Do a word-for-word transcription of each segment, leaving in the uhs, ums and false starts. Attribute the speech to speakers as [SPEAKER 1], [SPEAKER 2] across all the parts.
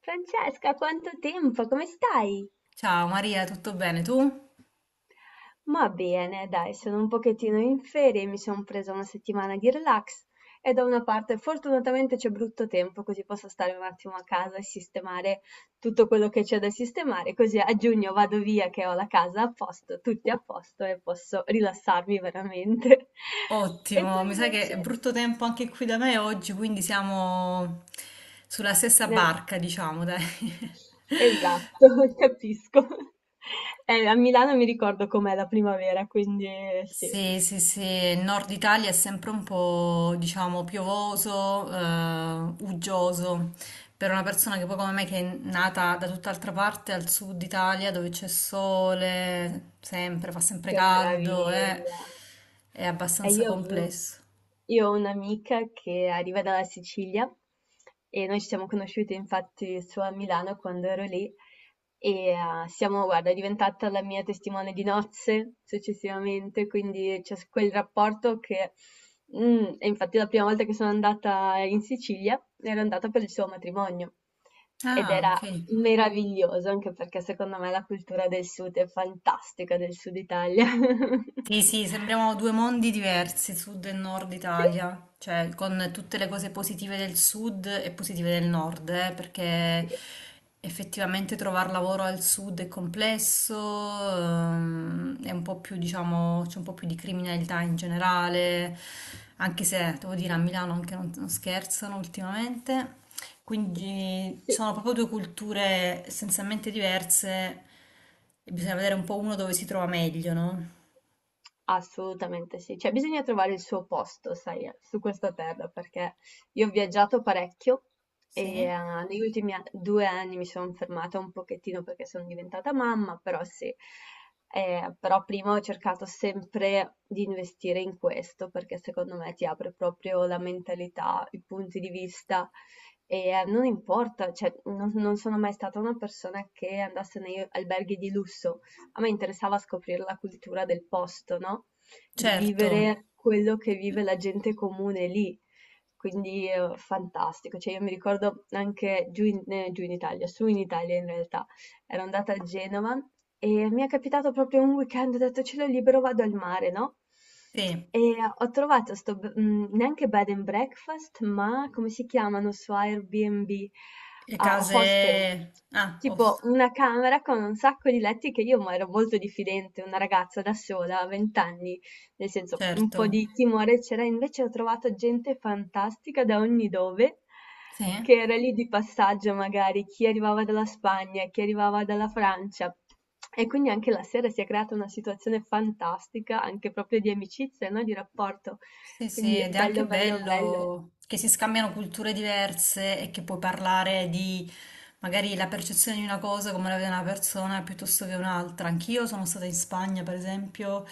[SPEAKER 1] Francesca, quanto tempo, come stai?
[SPEAKER 2] Ciao Maria, tutto bene tu?
[SPEAKER 1] Ma bene, dai, sono un pochettino in ferie, mi sono presa una settimana di relax e da una parte fortunatamente c'è brutto tempo, così posso stare un attimo a casa e sistemare tutto quello che c'è da sistemare, così a giugno vado via che ho la casa a posto, tutti a posto e posso rilassarmi veramente. E tu
[SPEAKER 2] Ottimo, mi sa che è
[SPEAKER 1] invece?
[SPEAKER 2] brutto tempo anche qui da me oggi, quindi siamo sulla stessa
[SPEAKER 1] Nel-
[SPEAKER 2] barca, diciamo, dai.
[SPEAKER 1] Esatto, capisco. Eh, a Milano mi ricordo com'è la primavera, quindi eh, sì.
[SPEAKER 2] Sì, sì, sì, il nord Italia è sempre un po', diciamo, piovoso, eh, uggioso. Per una persona che poi come me che è nata da tutt'altra parte, al sud Italia, dove c'è sole, sempre, fa sempre
[SPEAKER 1] Che
[SPEAKER 2] caldo, eh,
[SPEAKER 1] meraviglia!
[SPEAKER 2] è
[SPEAKER 1] E
[SPEAKER 2] abbastanza
[SPEAKER 1] io avevo
[SPEAKER 2] complesso.
[SPEAKER 1] io ho un'amica che arriva dalla Sicilia e noi ci siamo conosciute infatti su a Milano quando ero lì e eh, siamo, guarda, è diventata la mia testimone di nozze successivamente, quindi c'è s- quel rapporto che... mm, E infatti la prima volta che sono andata in Sicilia ero andata per il suo matrimonio ed
[SPEAKER 2] Ah,
[SPEAKER 1] era
[SPEAKER 2] ok.
[SPEAKER 1] meraviglioso anche perché secondo me la cultura del sud è fantastica, del sud Italia.
[SPEAKER 2] Sì, sì, sembriamo due mondi diversi, sud e nord
[SPEAKER 1] Sì.
[SPEAKER 2] Italia, cioè con tutte le cose positive del sud e positive del nord, eh, perché
[SPEAKER 1] Sì.
[SPEAKER 2] effettivamente trovare lavoro al sud è complesso, ehm, è un po' più, diciamo, c'è un po' più di criminalità in generale, anche se, devo dire, a Milano anche non, non scherzano ultimamente, quindi ci
[SPEAKER 1] Sì.
[SPEAKER 2] sono proprio due culture essenzialmente diverse e bisogna vedere un po' uno dove si trova meglio, no?
[SPEAKER 1] Assolutamente sì, cioè bisogna trovare il suo posto, sai, su questa terra, perché io ho viaggiato parecchio e
[SPEAKER 2] Sì,
[SPEAKER 1] eh, negli ultimi a- due anni mi sono fermata un pochettino perché sono diventata mamma, però sì. Eh, però prima ho cercato sempre di investire in questo perché secondo me ti apre proprio la mentalità, i punti di vista e eh, non importa, cioè non, non sono mai stata una persona che andasse negli alberghi di lusso. A me interessava scoprire la cultura del posto, no? Di
[SPEAKER 2] certo,
[SPEAKER 1] vivere quello che vive la gente comune lì. Quindi eh, fantastico, cioè io mi ricordo anche giù in, eh, giù in Italia, su in Italia in realtà, ero andata a Genova e mi è capitato proprio un weekend, ho detto cielo libero, vado al mare, no?
[SPEAKER 2] sì,
[SPEAKER 1] E ho trovato sto, b- mh, neanche bed and breakfast, ma come si chiamano su Airbnb?
[SPEAKER 2] le
[SPEAKER 1] Ah, hostel.
[SPEAKER 2] case... Ah,
[SPEAKER 1] Tipo
[SPEAKER 2] host,
[SPEAKER 1] una camera con un sacco di letti che io ma ero molto diffidente, una ragazza da sola, a venti anni. Nel senso, un
[SPEAKER 2] certo,
[SPEAKER 1] po' di timore c'era, invece ho trovato gente fantastica da ogni dove,
[SPEAKER 2] sì.
[SPEAKER 1] che era lì di passaggio magari, chi arrivava dalla Spagna, chi arrivava dalla Francia. E quindi anche la sera si è creata una situazione fantastica, anche proprio di amicizia, no? Di rapporto.
[SPEAKER 2] Sì, sì,
[SPEAKER 1] Quindi
[SPEAKER 2] ed è anche
[SPEAKER 1] bello, bello, bello.
[SPEAKER 2] bello che si scambiano culture diverse e che puoi parlare di magari la percezione di una cosa come la vede una persona piuttosto che un'altra. Anch'io sono stata in Spagna, per esempio,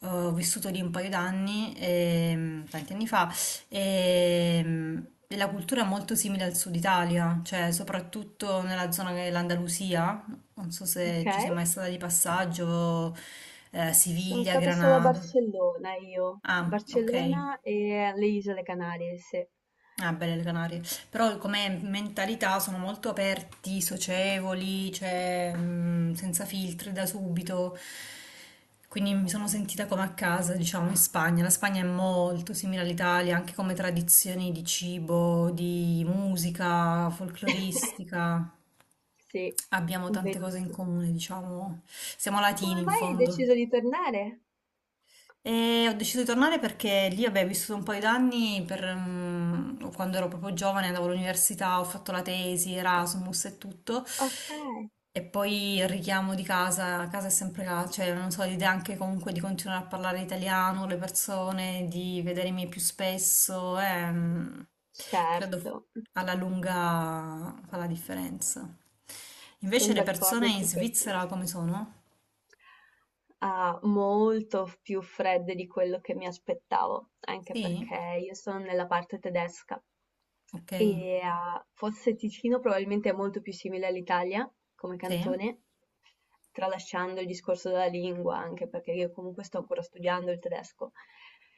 [SPEAKER 2] eh, ho vissuto lì un paio d'anni, ehm, tanti anni fa, e, e la cultura è molto simile al sud Italia, cioè soprattutto nella zona dell'Andalusia, non so se
[SPEAKER 1] Ok?
[SPEAKER 2] ci sei mai stata di passaggio, eh,
[SPEAKER 1] Sono
[SPEAKER 2] Siviglia,
[SPEAKER 1] stata solo a
[SPEAKER 2] Granada.
[SPEAKER 1] Barcellona io.
[SPEAKER 2] Ah, ok.
[SPEAKER 1] Barcellona e alle Isole Canarie, sì.
[SPEAKER 2] Ah, belle le Canarie. Però come mentalità sono molto aperti, socievoli, cioè, mm, senza filtri da subito. Quindi mi sono sentita come a casa, diciamo, in Spagna. La Spagna è molto simile all'Italia, anche come tradizioni di cibo, di musica, folcloristica.
[SPEAKER 1] Sì,
[SPEAKER 2] Abbiamo tante cose in
[SPEAKER 1] verissimo.
[SPEAKER 2] comune, diciamo. Siamo latini
[SPEAKER 1] Come
[SPEAKER 2] in
[SPEAKER 1] mai hai deciso
[SPEAKER 2] fondo.
[SPEAKER 1] di tornare?
[SPEAKER 2] E ho deciso di tornare perché lì avevo vissuto un paio d'anni per, mm, quando ero proprio giovane, andavo all'università, ho fatto la tesi, Erasmus e tutto.
[SPEAKER 1] Okay,
[SPEAKER 2] E poi il richiamo di casa, casa è sempre casa, cioè non so, l'idea anche comunque di continuare a parlare italiano, le persone, di vedermi più spesso, eh, mm, credo
[SPEAKER 1] certo,
[SPEAKER 2] alla lunga fa la differenza.
[SPEAKER 1] son
[SPEAKER 2] Invece le
[SPEAKER 1] d'accordo
[SPEAKER 2] persone
[SPEAKER 1] e
[SPEAKER 2] in
[SPEAKER 1] ti
[SPEAKER 2] Svizzera
[SPEAKER 1] capisco.
[SPEAKER 2] come sono?
[SPEAKER 1] ah, molto f- più fredde di quello che mi aspettavo, anche
[SPEAKER 2] Sì?
[SPEAKER 1] perché io sono nella parte tedesca
[SPEAKER 2] Ok,
[SPEAKER 1] e ah, forse Ticino probabilmente è molto più simile all'Italia come
[SPEAKER 2] sì,
[SPEAKER 1] cantone, tralasciando il discorso della lingua, anche perché io comunque sto ancora studiando il tedesco.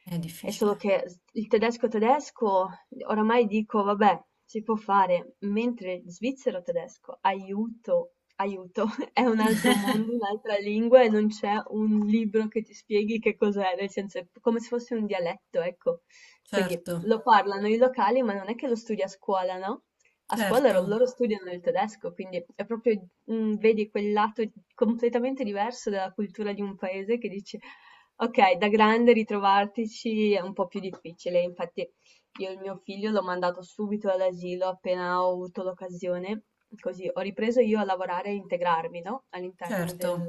[SPEAKER 2] è
[SPEAKER 1] È solo
[SPEAKER 2] difficile.
[SPEAKER 1] che s- il tedesco tedesco, oramai dico, vabbè, si può fare, mentre il svizzero tedesco, aiuto, aiuto, è un altro mondo, un'altra lingua e non c'è un libro che ti spieghi che cos'è, nel senso è come se fosse un dialetto, ecco. Quindi
[SPEAKER 2] Certo,
[SPEAKER 1] lo parlano i locali, ma non è che lo studi a scuola, no? A scuola
[SPEAKER 2] certo,
[SPEAKER 1] ro- loro studiano il tedesco, quindi è proprio, mm, vedi quel lato completamente diverso della cultura di un paese che dici, ok, da grande ritrovartici è un po' più difficile, infatti io il mio figlio l'ho mandato subito all'asilo appena ho avuto l'occasione, così ho ripreso io a lavorare e integrarmi, no? All'interno
[SPEAKER 2] certo,
[SPEAKER 1] del,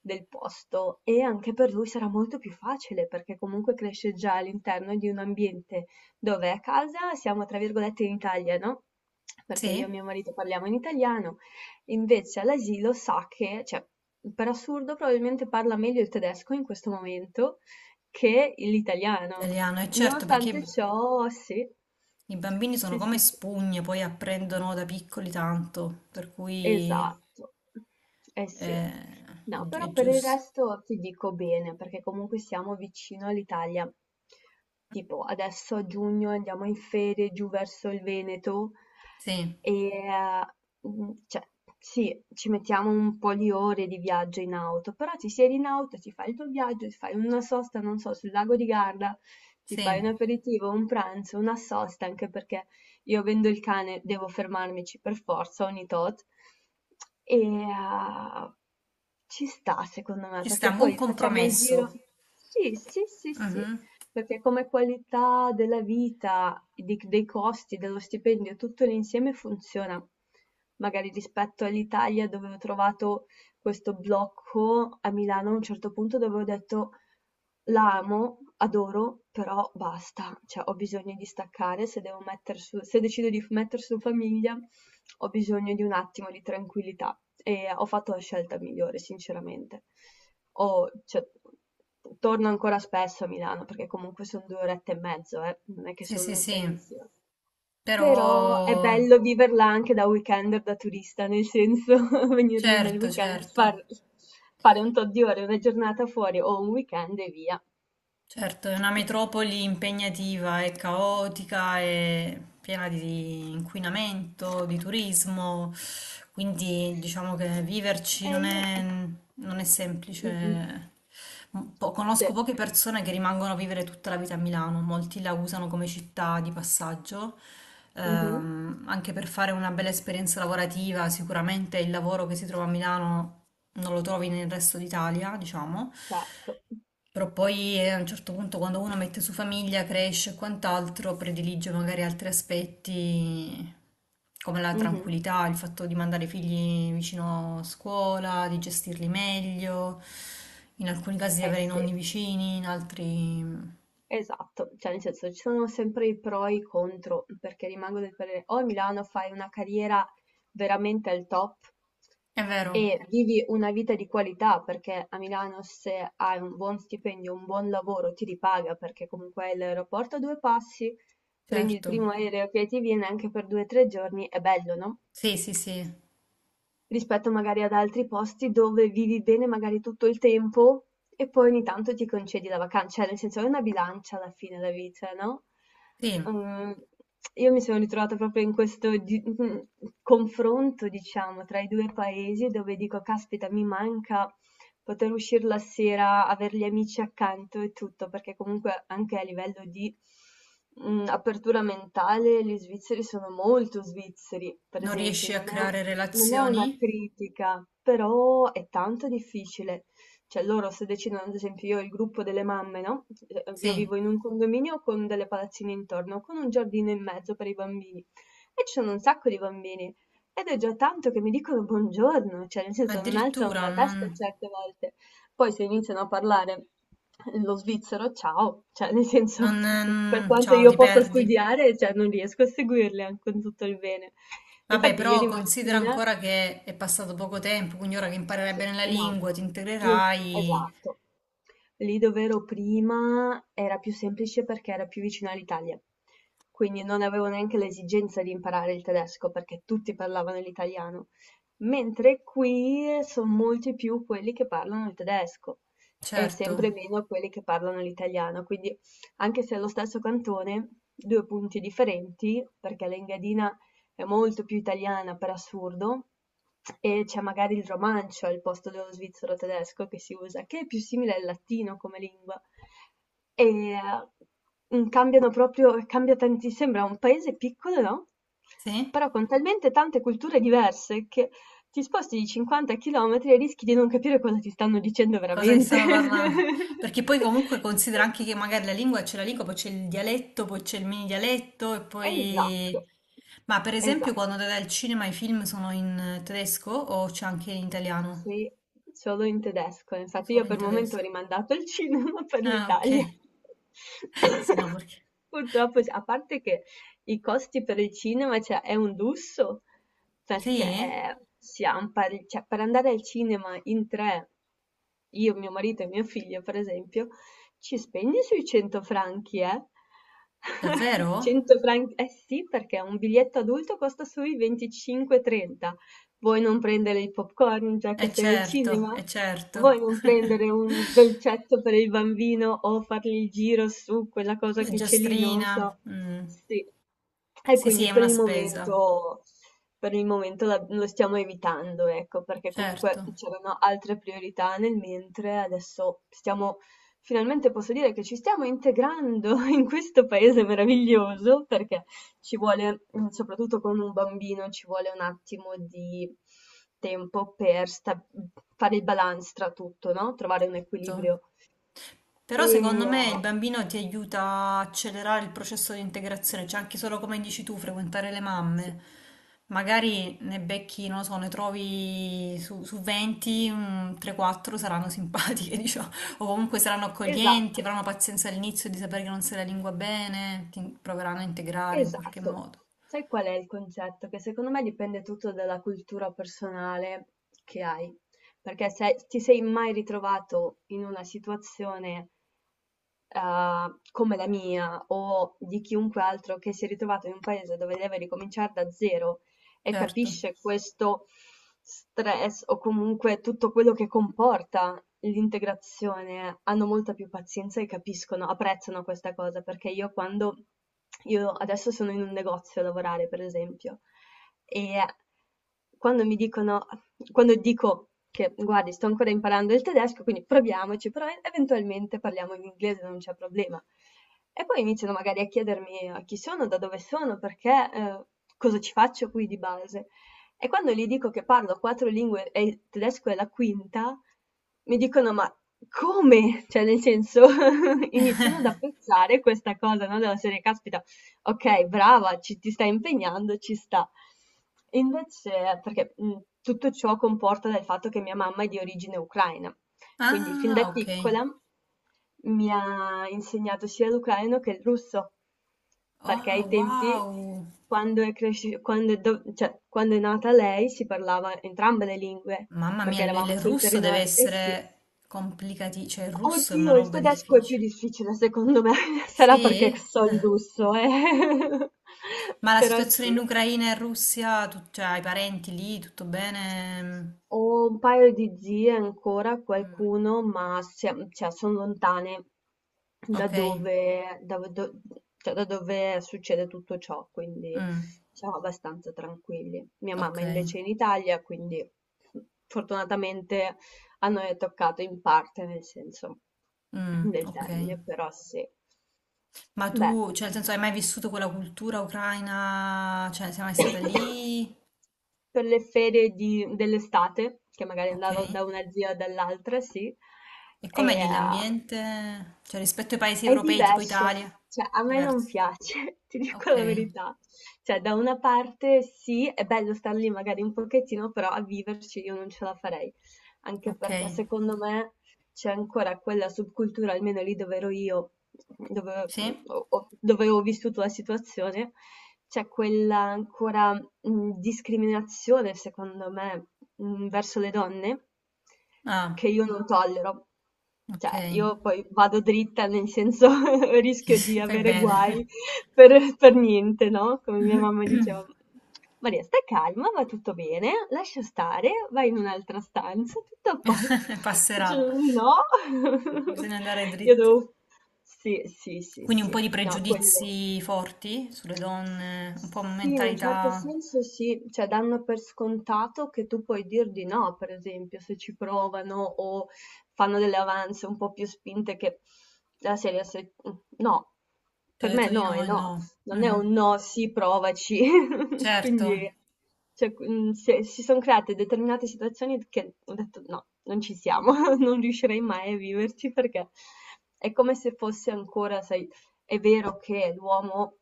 [SPEAKER 1] del posto e anche per lui sarà molto più facile perché comunque cresce già all'interno di un ambiente dove a casa siamo tra virgolette in Italia, no? Perché io e
[SPEAKER 2] sì,
[SPEAKER 1] mio marito parliamo in italiano, invece all'asilo sa che, cioè, per assurdo probabilmente parla meglio il tedesco in questo momento che l'italiano.
[SPEAKER 2] italiano, è certo perché
[SPEAKER 1] Nonostante
[SPEAKER 2] i
[SPEAKER 1] ciò, sì.
[SPEAKER 2] i bambini sono
[SPEAKER 1] Sì,
[SPEAKER 2] come
[SPEAKER 1] sì, sì.
[SPEAKER 2] spugne, poi apprendono da piccoli tanto, per cui
[SPEAKER 1] Esatto. Eh sì.
[SPEAKER 2] eh, è,
[SPEAKER 1] No,
[SPEAKER 2] gi-
[SPEAKER 1] però
[SPEAKER 2] è
[SPEAKER 1] per il
[SPEAKER 2] giusto.
[SPEAKER 1] resto ti dico bene, perché comunque siamo vicino all'Italia. Tipo, adesso a giugno andiamo in ferie giù verso il Veneto
[SPEAKER 2] Sì,
[SPEAKER 1] e eh, mm, cioè, sì, ci mettiamo un po' di ore di viaggio in auto, però ti siedi in auto, ti fai il tuo viaggio, ti fai una sosta, non so, sul lago di Garda, ti fai
[SPEAKER 2] sì,
[SPEAKER 1] un aperitivo, un pranzo, una sosta, anche perché io avendo il cane devo fermarmici per forza ogni tot e uhm, ci sta secondo me,
[SPEAKER 2] ci sta
[SPEAKER 1] perché
[SPEAKER 2] un buon
[SPEAKER 1] poi facciamo il
[SPEAKER 2] compromesso.
[SPEAKER 1] giro. Sì, sì, sì, sì,
[SPEAKER 2] Mhm.
[SPEAKER 1] perché come qualità della vita, di dei costi, dello stipendio, tutto l'insieme funziona. Magari rispetto all'Italia dove ho trovato questo blocco, a Milano a un certo punto dove ho detto: la amo, adoro, però basta, cioè ho bisogno di staccare, se devo metter su se decido di f metter su famiglia ho bisogno di un attimo di tranquillità e ho fatto la scelta migliore sinceramente. Ho cioè, torno ancora spesso a Milano perché comunque son due orette e mezzo eh, non è che
[SPEAKER 2] Sì,
[SPEAKER 1] son
[SPEAKER 2] sì, sì,
[SPEAKER 1] lontanissima.
[SPEAKER 2] però
[SPEAKER 1] Però è bello viverla anche da weekender, da turista, nel senso venir lì nel
[SPEAKER 2] certo,
[SPEAKER 1] weekend,
[SPEAKER 2] certo.
[SPEAKER 1] far- fare un tot di ore, una giornata fuori o un weekend e via.
[SPEAKER 2] Certo, è una metropoli impegnativa, è caotica, è piena di inquinamento, di turismo, quindi diciamo che viverci
[SPEAKER 1] E
[SPEAKER 2] non
[SPEAKER 1] io...
[SPEAKER 2] è, non è
[SPEAKER 1] Mm, mm,
[SPEAKER 2] semplice. Un po-
[SPEAKER 1] sì.
[SPEAKER 2] conosco poche persone che rimangono a vivere tutta la vita a Milano, molti la usano come città di passaggio,
[SPEAKER 1] Mhm,
[SPEAKER 2] ehm, anche per fare una bella esperienza lavorativa, sicuramente il lavoro che si trova a Milano non lo trovi nel resto d'Italia, diciamo.
[SPEAKER 1] certo.
[SPEAKER 2] Però poi eh, a un certo punto quando uno mette su famiglia, cresce e quant'altro, predilige magari altri aspetti come la
[SPEAKER 1] Mhm,
[SPEAKER 2] tranquillità, il fatto di mandare i figli vicino a scuola, di gestirli meglio, in alcuni casi di
[SPEAKER 1] eh
[SPEAKER 2] avere i
[SPEAKER 1] sì.
[SPEAKER 2] nonni vicini, in altri.
[SPEAKER 1] Esatto, cioè nel senso ci sono sempre i pro e i contro, perché rimango del parere o a Milano fai una carriera veramente al top
[SPEAKER 2] È vero,
[SPEAKER 1] e vivi una vita di qualità, perché a Milano se hai un buon stipendio, un buon lavoro ti ripaga, perché comunque hai l'aeroporto a due passi, prendi il
[SPEAKER 2] certo.
[SPEAKER 1] primo aereo che ti viene anche per due o tre giorni, è bello, no?
[SPEAKER 2] Sì, sì, sì.
[SPEAKER 1] Rispetto magari ad altri posti dove vivi bene magari tutto il tempo e poi ogni tanto ti concedi la vacanza, cioè nel senso è una bilancia alla fine la vita, no?
[SPEAKER 2] Sì.
[SPEAKER 1] Ehm, io mi sono ritrovata proprio in questo di- mm, confronto, diciamo, tra i due paesi dove dico, caspita, mi manca poter uscire la sera, avere gli amici accanto e tutto, perché comunque anche a livello di mh, apertura mentale gli svizzeri sono molto svizzeri, per
[SPEAKER 2] Non
[SPEAKER 1] esempio,
[SPEAKER 2] riesci a
[SPEAKER 1] non è, un-
[SPEAKER 2] creare
[SPEAKER 1] non è una
[SPEAKER 2] relazioni?
[SPEAKER 1] critica, però è tanto difficile. Cioè loro se decidono, ad esempio io ho il gruppo delle mamme, no? Eh, Io
[SPEAKER 2] Sì.
[SPEAKER 1] vivo in un condominio con delle palazzine intorno, con un giardino in mezzo per i bambini. E ci sono un sacco di bambini. Ed è già tanto che mi dicono buongiorno, cioè nel senso non alzano
[SPEAKER 2] Addirittura
[SPEAKER 1] la testa
[SPEAKER 2] non...
[SPEAKER 1] certe volte. Poi se iniziano a parlare lo svizzero, ciao, cioè nel
[SPEAKER 2] non...
[SPEAKER 1] senso per
[SPEAKER 2] ehm,
[SPEAKER 1] quanto
[SPEAKER 2] Ciao,
[SPEAKER 1] io
[SPEAKER 2] ti
[SPEAKER 1] possa
[SPEAKER 2] perdi.
[SPEAKER 1] studiare, cioè non riesco a seguirli anche con tutto il bene.
[SPEAKER 2] Vabbè,
[SPEAKER 1] Infatti
[SPEAKER 2] però
[SPEAKER 1] ieri
[SPEAKER 2] considera
[SPEAKER 1] mattina
[SPEAKER 2] ancora che è passato poco tempo, quindi ora che imparerai
[SPEAKER 1] sì,
[SPEAKER 2] bene la
[SPEAKER 1] no,
[SPEAKER 2] lingua, ti
[SPEAKER 1] io
[SPEAKER 2] integrerai.
[SPEAKER 1] esatto. Lì dove ero prima era più semplice perché era più vicino all'Italia, quindi non avevo neanche l'esigenza di imparare il tedesco perché tutti parlavano l'italiano, mentre qui sono molti più quelli che parlano il tedesco e
[SPEAKER 2] Certo,
[SPEAKER 1] sempre meno quelli che parlano l'italiano, quindi anche se è lo stesso cantone, due punti differenti, perché l'Engadina è molto più italiana per assurdo e c'è magari il romancio al posto dello svizzero tedesco che si usa, che è più simile al latino come lingua. E mm, cambiano proprio, cambia tanti, sembra un paese piccolo, no?
[SPEAKER 2] sì?
[SPEAKER 1] Però con talmente tante culture diverse che ti sposti di cinquanta chilometri e rischi di non capire cosa ti stanno dicendo
[SPEAKER 2] Cosa ti
[SPEAKER 1] veramente.
[SPEAKER 2] stanno parlando? Perché poi comunque considera anche che magari la lingua c'è la lingua, poi c'è il dialetto, poi c'è il mini dialetto e
[SPEAKER 1] Esatto,
[SPEAKER 2] poi. Ma per esempio quando
[SPEAKER 1] esatto.
[SPEAKER 2] andate al cinema i film sono in tedesco o c'è anche in italiano?
[SPEAKER 1] Sì, solo in tedesco. Infatti io
[SPEAKER 2] Solo in
[SPEAKER 1] per il momento ho
[SPEAKER 2] tedesco.
[SPEAKER 1] rimandato il cinema per
[SPEAKER 2] Ah, ok.
[SPEAKER 1] l'Italia.
[SPEAKER 2] Sì, no, perché.
[SPEAKER 1] Purtroppo, cioè, a parte che i costi per il cinema, cioè, è un lusso,
[SPEAKER 2] Sì?
[SPEAKER 1] perché siamo pari- cioè, per andare al cinema in tre, io, mio marito e mio figlio, per esempio, ci spegni sui cento franchi, eh?
[SPEAKER 2] Davvero?
[SPEAKER 1] cento franchi, eh sì, perché un biglietto adulto costa sui venticinque trenta. Vuoi non prendere il popcorn già
[SPEAKER 2] E
[SPEAKER 1] che sei al
[SPEAKER 2] certo,
[SPEAKER 1] cinema?
[SPEAKER 2] e certo.
[SPEAKER 1] Vuoi non prendere un dolcetto per il bambino o fargli il giro su quella cosa
[SPEAKER 2] La
[SPEAKER 1] che c'è lì? Non lo
[SPEAKER 2] giostrina,
[SPEAKER 1] so.
[SPEAKER 2] mm.
[SPEAKER 1] Sì. E
[SPEAKER 2] Sì, sì,
[SPEAKER 1] quindi
[SPEAKER 2] è
[SPEAKER 1] per
[SPEAKER 2] una
[SPEAKER 1] il
[SPEAKER 2] spesa,
[SPEAKER 1] momento, per il momento la- lo stiamo evitando, ecco, perché
[SPEAKER 2] certo.
[SPEAKER 1] comunque c'erano altre priorità nel mentre adesso stiamo, finalmente posso dire che ci stiamo integrando in questo paese meraviglioso, perché ci vuole, mh, soprattutto con un bambino, ci vuole un attimo di tempo per sta- fare il balance tra tutto, no? Trovare un
[SPEAKER 2] So.
[SPEAKER 1] equilibrio. E
[SPEAKER 2] Però secondo me il bambino ti aiuta a accelerare il processo di integrazione, cioè anche solo come dici tu, frequentare le
[SPEAKER 1] sì,
[SPEAKER 2] mamme. Magari ne becchi, non lo so, ne trovi su, su venti, tre quattro saranno simpatiche, diciamo, o comunque saranno accoglienti,
[SPEAKER 1] esatto,
[SPEAKER 2] avranno pazienza all'inizio di sapere che non sai la lingua bene, ti proveranno a integrare in qualche
[SPEAKER 1] esatto.
[SPEAKER 2] modo.
[SPEAKER 1] Sai qual è il concetto? Che secondo me dipende tutto dalla cultura personale che hai. Perché se ti sei mai ritrovato in una situazione eh, come la mia o di chiunque altro che si è ritrovato in un paese dove deve ricominciare da zero e
[SPEAKER 2] Certo.
[SPEAKER 1] capisce questo stress o comunque tutto quello che comporta l'integrazione, hanno molta più pazienza e capiscono, apprezzano questa cosa, perché io quando io adesso sono in un negozio a lavorare, per esempio, e quando mi dicono quando dico che guardi, sto ancora imparando il tedesco, quindi proviamoci, però eventualmente parliamo in inglese, non c'è problema. E poi iniziano magari a chiedermi a chi sono, da dove sono, perché, eh, cosa ci faccio qui di base. E quando gli dico che parlo quattro lingue e il tedesco è la quinta, mi dicono: "Ma come?" Cioè nel senso iniziano ad apprezzare questa cosa, no, della serie: "Caspita, okay, brava, ci ti stai impegnando, ci sta". Invece perché, mhmm, tutto ciò comporta dal fatto che mia mamma è di origine ucraina, quindi fin da
[SPEAKER 2] Ah,
[SPEAKER 1] Ah.
[SPEAKER 2] ok.
[SPEAKER 1] piccola mi ha insegnato sia l'ucraino che il russo, perché
[SPEAKER 2] Ah,
[SPEAKER 1] ai tempi
[SPEAKER 2] wow!
[SPEAKER 1] quando è cresci quando è do cioè quando è nata lei si parlava entrambe le lingue,
[SPEAKER 2] Mamma mia,
[SPEAKER 1] perché
[SPEAKER 2] il
[SPEAKER 1] eravamo Ah.
[SPEAKER 2] il
[SPEAKER 1] sul
[SPEAKER 2] russo deve
[SPEAKER 1] territorio eh sì.
[SPEAKER 2] essere complicati, cioè il russo è una
[SPEAKER 1] Oddio, il
[SPEAKER 2] roba
[SPEAKER 1] tedesco è più
[SPEAKER 2] difficile.
[SPEAKER 1] difficile secondo me, sarà perché
[SPEAKER 2] Sì?
[SPEAKER 1] so il
[SPEAKER 2] Eh.
[SPEAKER 1] russo, eh.
[SPEAKER 2] Ma la
[SPEAKER 1] Però
[SPEAKER 2] situazione
[SPEAKER 1] sì.
[SPEAKER 2] in Ucraina e Russia, tu, cioè, hai parenti lì, tutto bene?
[SPEAKER 1] Ho un paio di zie ancora,
[SPEAKER 2] Mm,
[SPEAKER 1] qualcuno, ma siam cioè son lontane da
[SPEAKER 2] ok,
[SPEAKER 1] dove da do cioè da dove succede tutto ciò, quindi
[SPEAKER 2] Mm,
[SPEAKER 1] siamo abbastanza tranquilli. Mia
[SPEAKER 2] ok,
[SPEAKER 1] mamma invece è in Italia, quindi fortunatamente a noi è toccato in parte, nel senso
[SPEAKER 2] Mm,
[SPEAKER 1] del
[SPEAKER 2] ok.
[SPEAKER 1] termine, però sì.
[SPEAKER 2] Ma
[SPEAKER 1] Beh,
[SPEAKER 2] tu, cioè, nel senso, hai mai vissuto quella cultura ucraina? Cioè, sei mai stata lì?
[SPEAKER 1] per le ferie di dell'estate, che magari
[SPEAKER 2] Ok.
[SPEAKER 1] andavo da una zia o dall'altra, sì, e
[SPEAKER 2] E com'è lì
[SPEAKER 1] eh,
[SPEAKER 2] l'ambiente? Cioè rispetto ai paesi
[SPEAKER 1] è
[SPEAKER 2] europei tipo
[SPEAKER 1] diverso,
[SPEAKER 2] Italia?
[SPEAKER 1] cioè a me non
[SPEAKER 2] Diverso.
[SPEAKER 1] piace, ti dico
[SPEAKER 2] Ok,
[SPEAKER 1] la verità. Cioè, da una parte sì, è bello star lì magari un pochettino, però a viverci io non ce la farei, anche
[SPEAKER 2] ok.
[SPEAKER 1] perché secondo me c'è ancora quella subcultura, almeno lì dove ero io, dove
[SPEAKER 2] Sì?
[SPEAKER 1] ho, ho- dove ho vissuto la situazione, c'è quella ancora mh, discriminazione, secondo me, mhmm, verso le donne
[SPEAKER 2] Ah,
[SPEAKER 1] che io non tollero.
[SPEAKER 2] ok.
[SPEAKER 1] Cioè, io poi vado dritta, nel senso rischio di
[SPEAKER 2] Fai
[SPEAKER 1] avere
[SPEAKER 2] bene.
[SPEAKER 1] guai per per niente, no, come mia mamma diceva: "Maria, stai calma, va tutto bene, lascia stare, vai in un'altra stanza, tutto a posto".
[SPEAKER 2] Passerà.
[SPEAKER 1] Dicevo: "No".
[SPEAKER 2] Bisogna andare
[SPEAKER 1] Io
[SPEAKER 2] dritti.
[SPEAKER 1] devo sì, sì, sì,
[SPEAKER 2] Quindi un
[SPEAKER 1] sì.
[SPEAKER 2] po' di
[SPEAKER 1] No, quello
[SPEAKER 2] pregiudizi forti sulle donne, un po'
[SPEAKER 1] sì, in un certo
[SPEAKER 2] mentalità,
[SPEAKER 1] senso sì, cioè danno per scontato che tu puoi dir di no, per esempio, se ci provano o fanno delle avanze un po' più spinte che la serie se... no,
[SPEAKER 2] ti ho
[SPEAKER 1] per
[SPEAKER 2] detto
[SPEAKER 1] me
[SPEAKER 2] di
[SPEAKER 1] no
[SPEAKER 2] no
[SPEAKER 1] è
[SPEAKER 2] e no.
[SPEAKER 1] no, non è
[SPEAKER 2] Mhm.
[SPEAKER 1] un no, sì, provaci.
[SPEAKER 2] Certo,
[SPEAKER 1] Quindi cioè, mm, se- si sono create determinate situazioni che ho detto no, non ci siamo, non riuscirei mai a viverci perché è come se fosse ancora, sai, è vero che l'uomo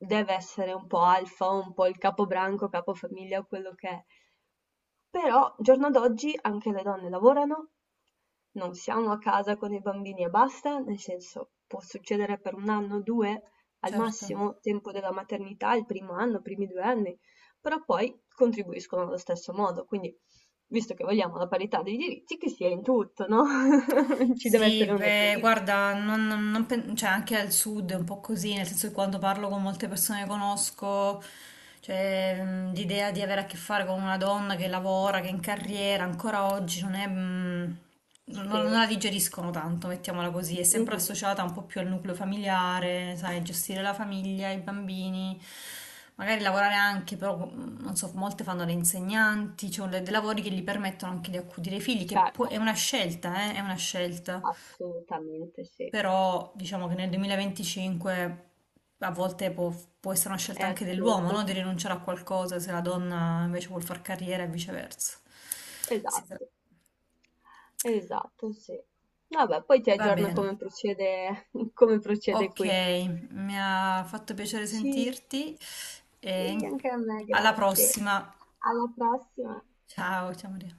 [SPEAKER 1] deve essere un po' alfa, un po' il capobranco, capofamiglia o quello che è, però giorno d'oggi anche le donne lavorano, non siamo a casa con i bambini e basta, nel senso può succedere per un anno, due, al
[SPEAKER 2] certo.
[SPEAKER 1] massimo tempo della maternità, il primo anno, i primi due anni, però poi contribuiscono allo stesso modo, quindi visto che vogliamo la parità dei diritti, che sia in tutto, no? Ci deve
[SPEAKER 2] Sì,
[SPEAKER 1] essere un
[SPEAKER 2] beh,
[SPEAKER 1] equilibrio.
[SPEAKER 2] guarda, non- non- non pen- cioè, anche al sud è un po' così, nel senso che quando parlo con molte persone che conosco, cioè, mh, l'idea di avere a che fare con una donna che lavora, che è in carriera, ancora oggi non è, mh, non,
[SPEAKER 1] Sì,
[SPEAKER 2] non la digeriscono tanto, mettiamola così, è sempre
[SPEAKER 1] mhm,
[SPEAKER 2] associata un po' più al nucleo familiare, sai, gestire la famiglia, i bambini. Magari lavorare anche, però mhmm, non so, molte fanno le insegnanti, cioè le dei lavori che gli permettono anche di accudire i figli, che può è
[SPEAKER 1] certo.
[SPEAKER 2] una scelta, eh, è una scelta.
[SPEAKER 1] Assolutamente sì,
[SPEAKER 2] Però diciamo che nel duemilaventicinque a volte può, può essere una
[SPEAKER 1] è
[SPEAKER 2] scelta anche dell'uomo, no?
[SPEAKER 1] assurdo.
[SPEAKER 2] Di rinunciare a qualcosa se la donna invece vuol far carriera e viceversa. Si tra-
[SPEAKER 1] Esatto, esatto, sì. Vabbè, poi ti
[SPEAKER 2] Va
[SPEAKER 1] aggiorno
[SPEAKER 2] bene.
[SPEAKER 1] come procede, come procede
[SPEAKER 2] Ok,
[SPEAKER 1] qui.
[SPEAKER 2] mi ha fatto piacere
[SPEAKER 1] Sì,
[SPEAKER 2] sentirti e
[SPEAKER 1] sì, anche a me,
[SPEAKER 2] alla
[SPEAKER 1] grazie.
[SPEAKER 2] prossima.
[SPEAKER 1] Alla prossima.
[SPEAKER 2] Ciao, ciao Maria.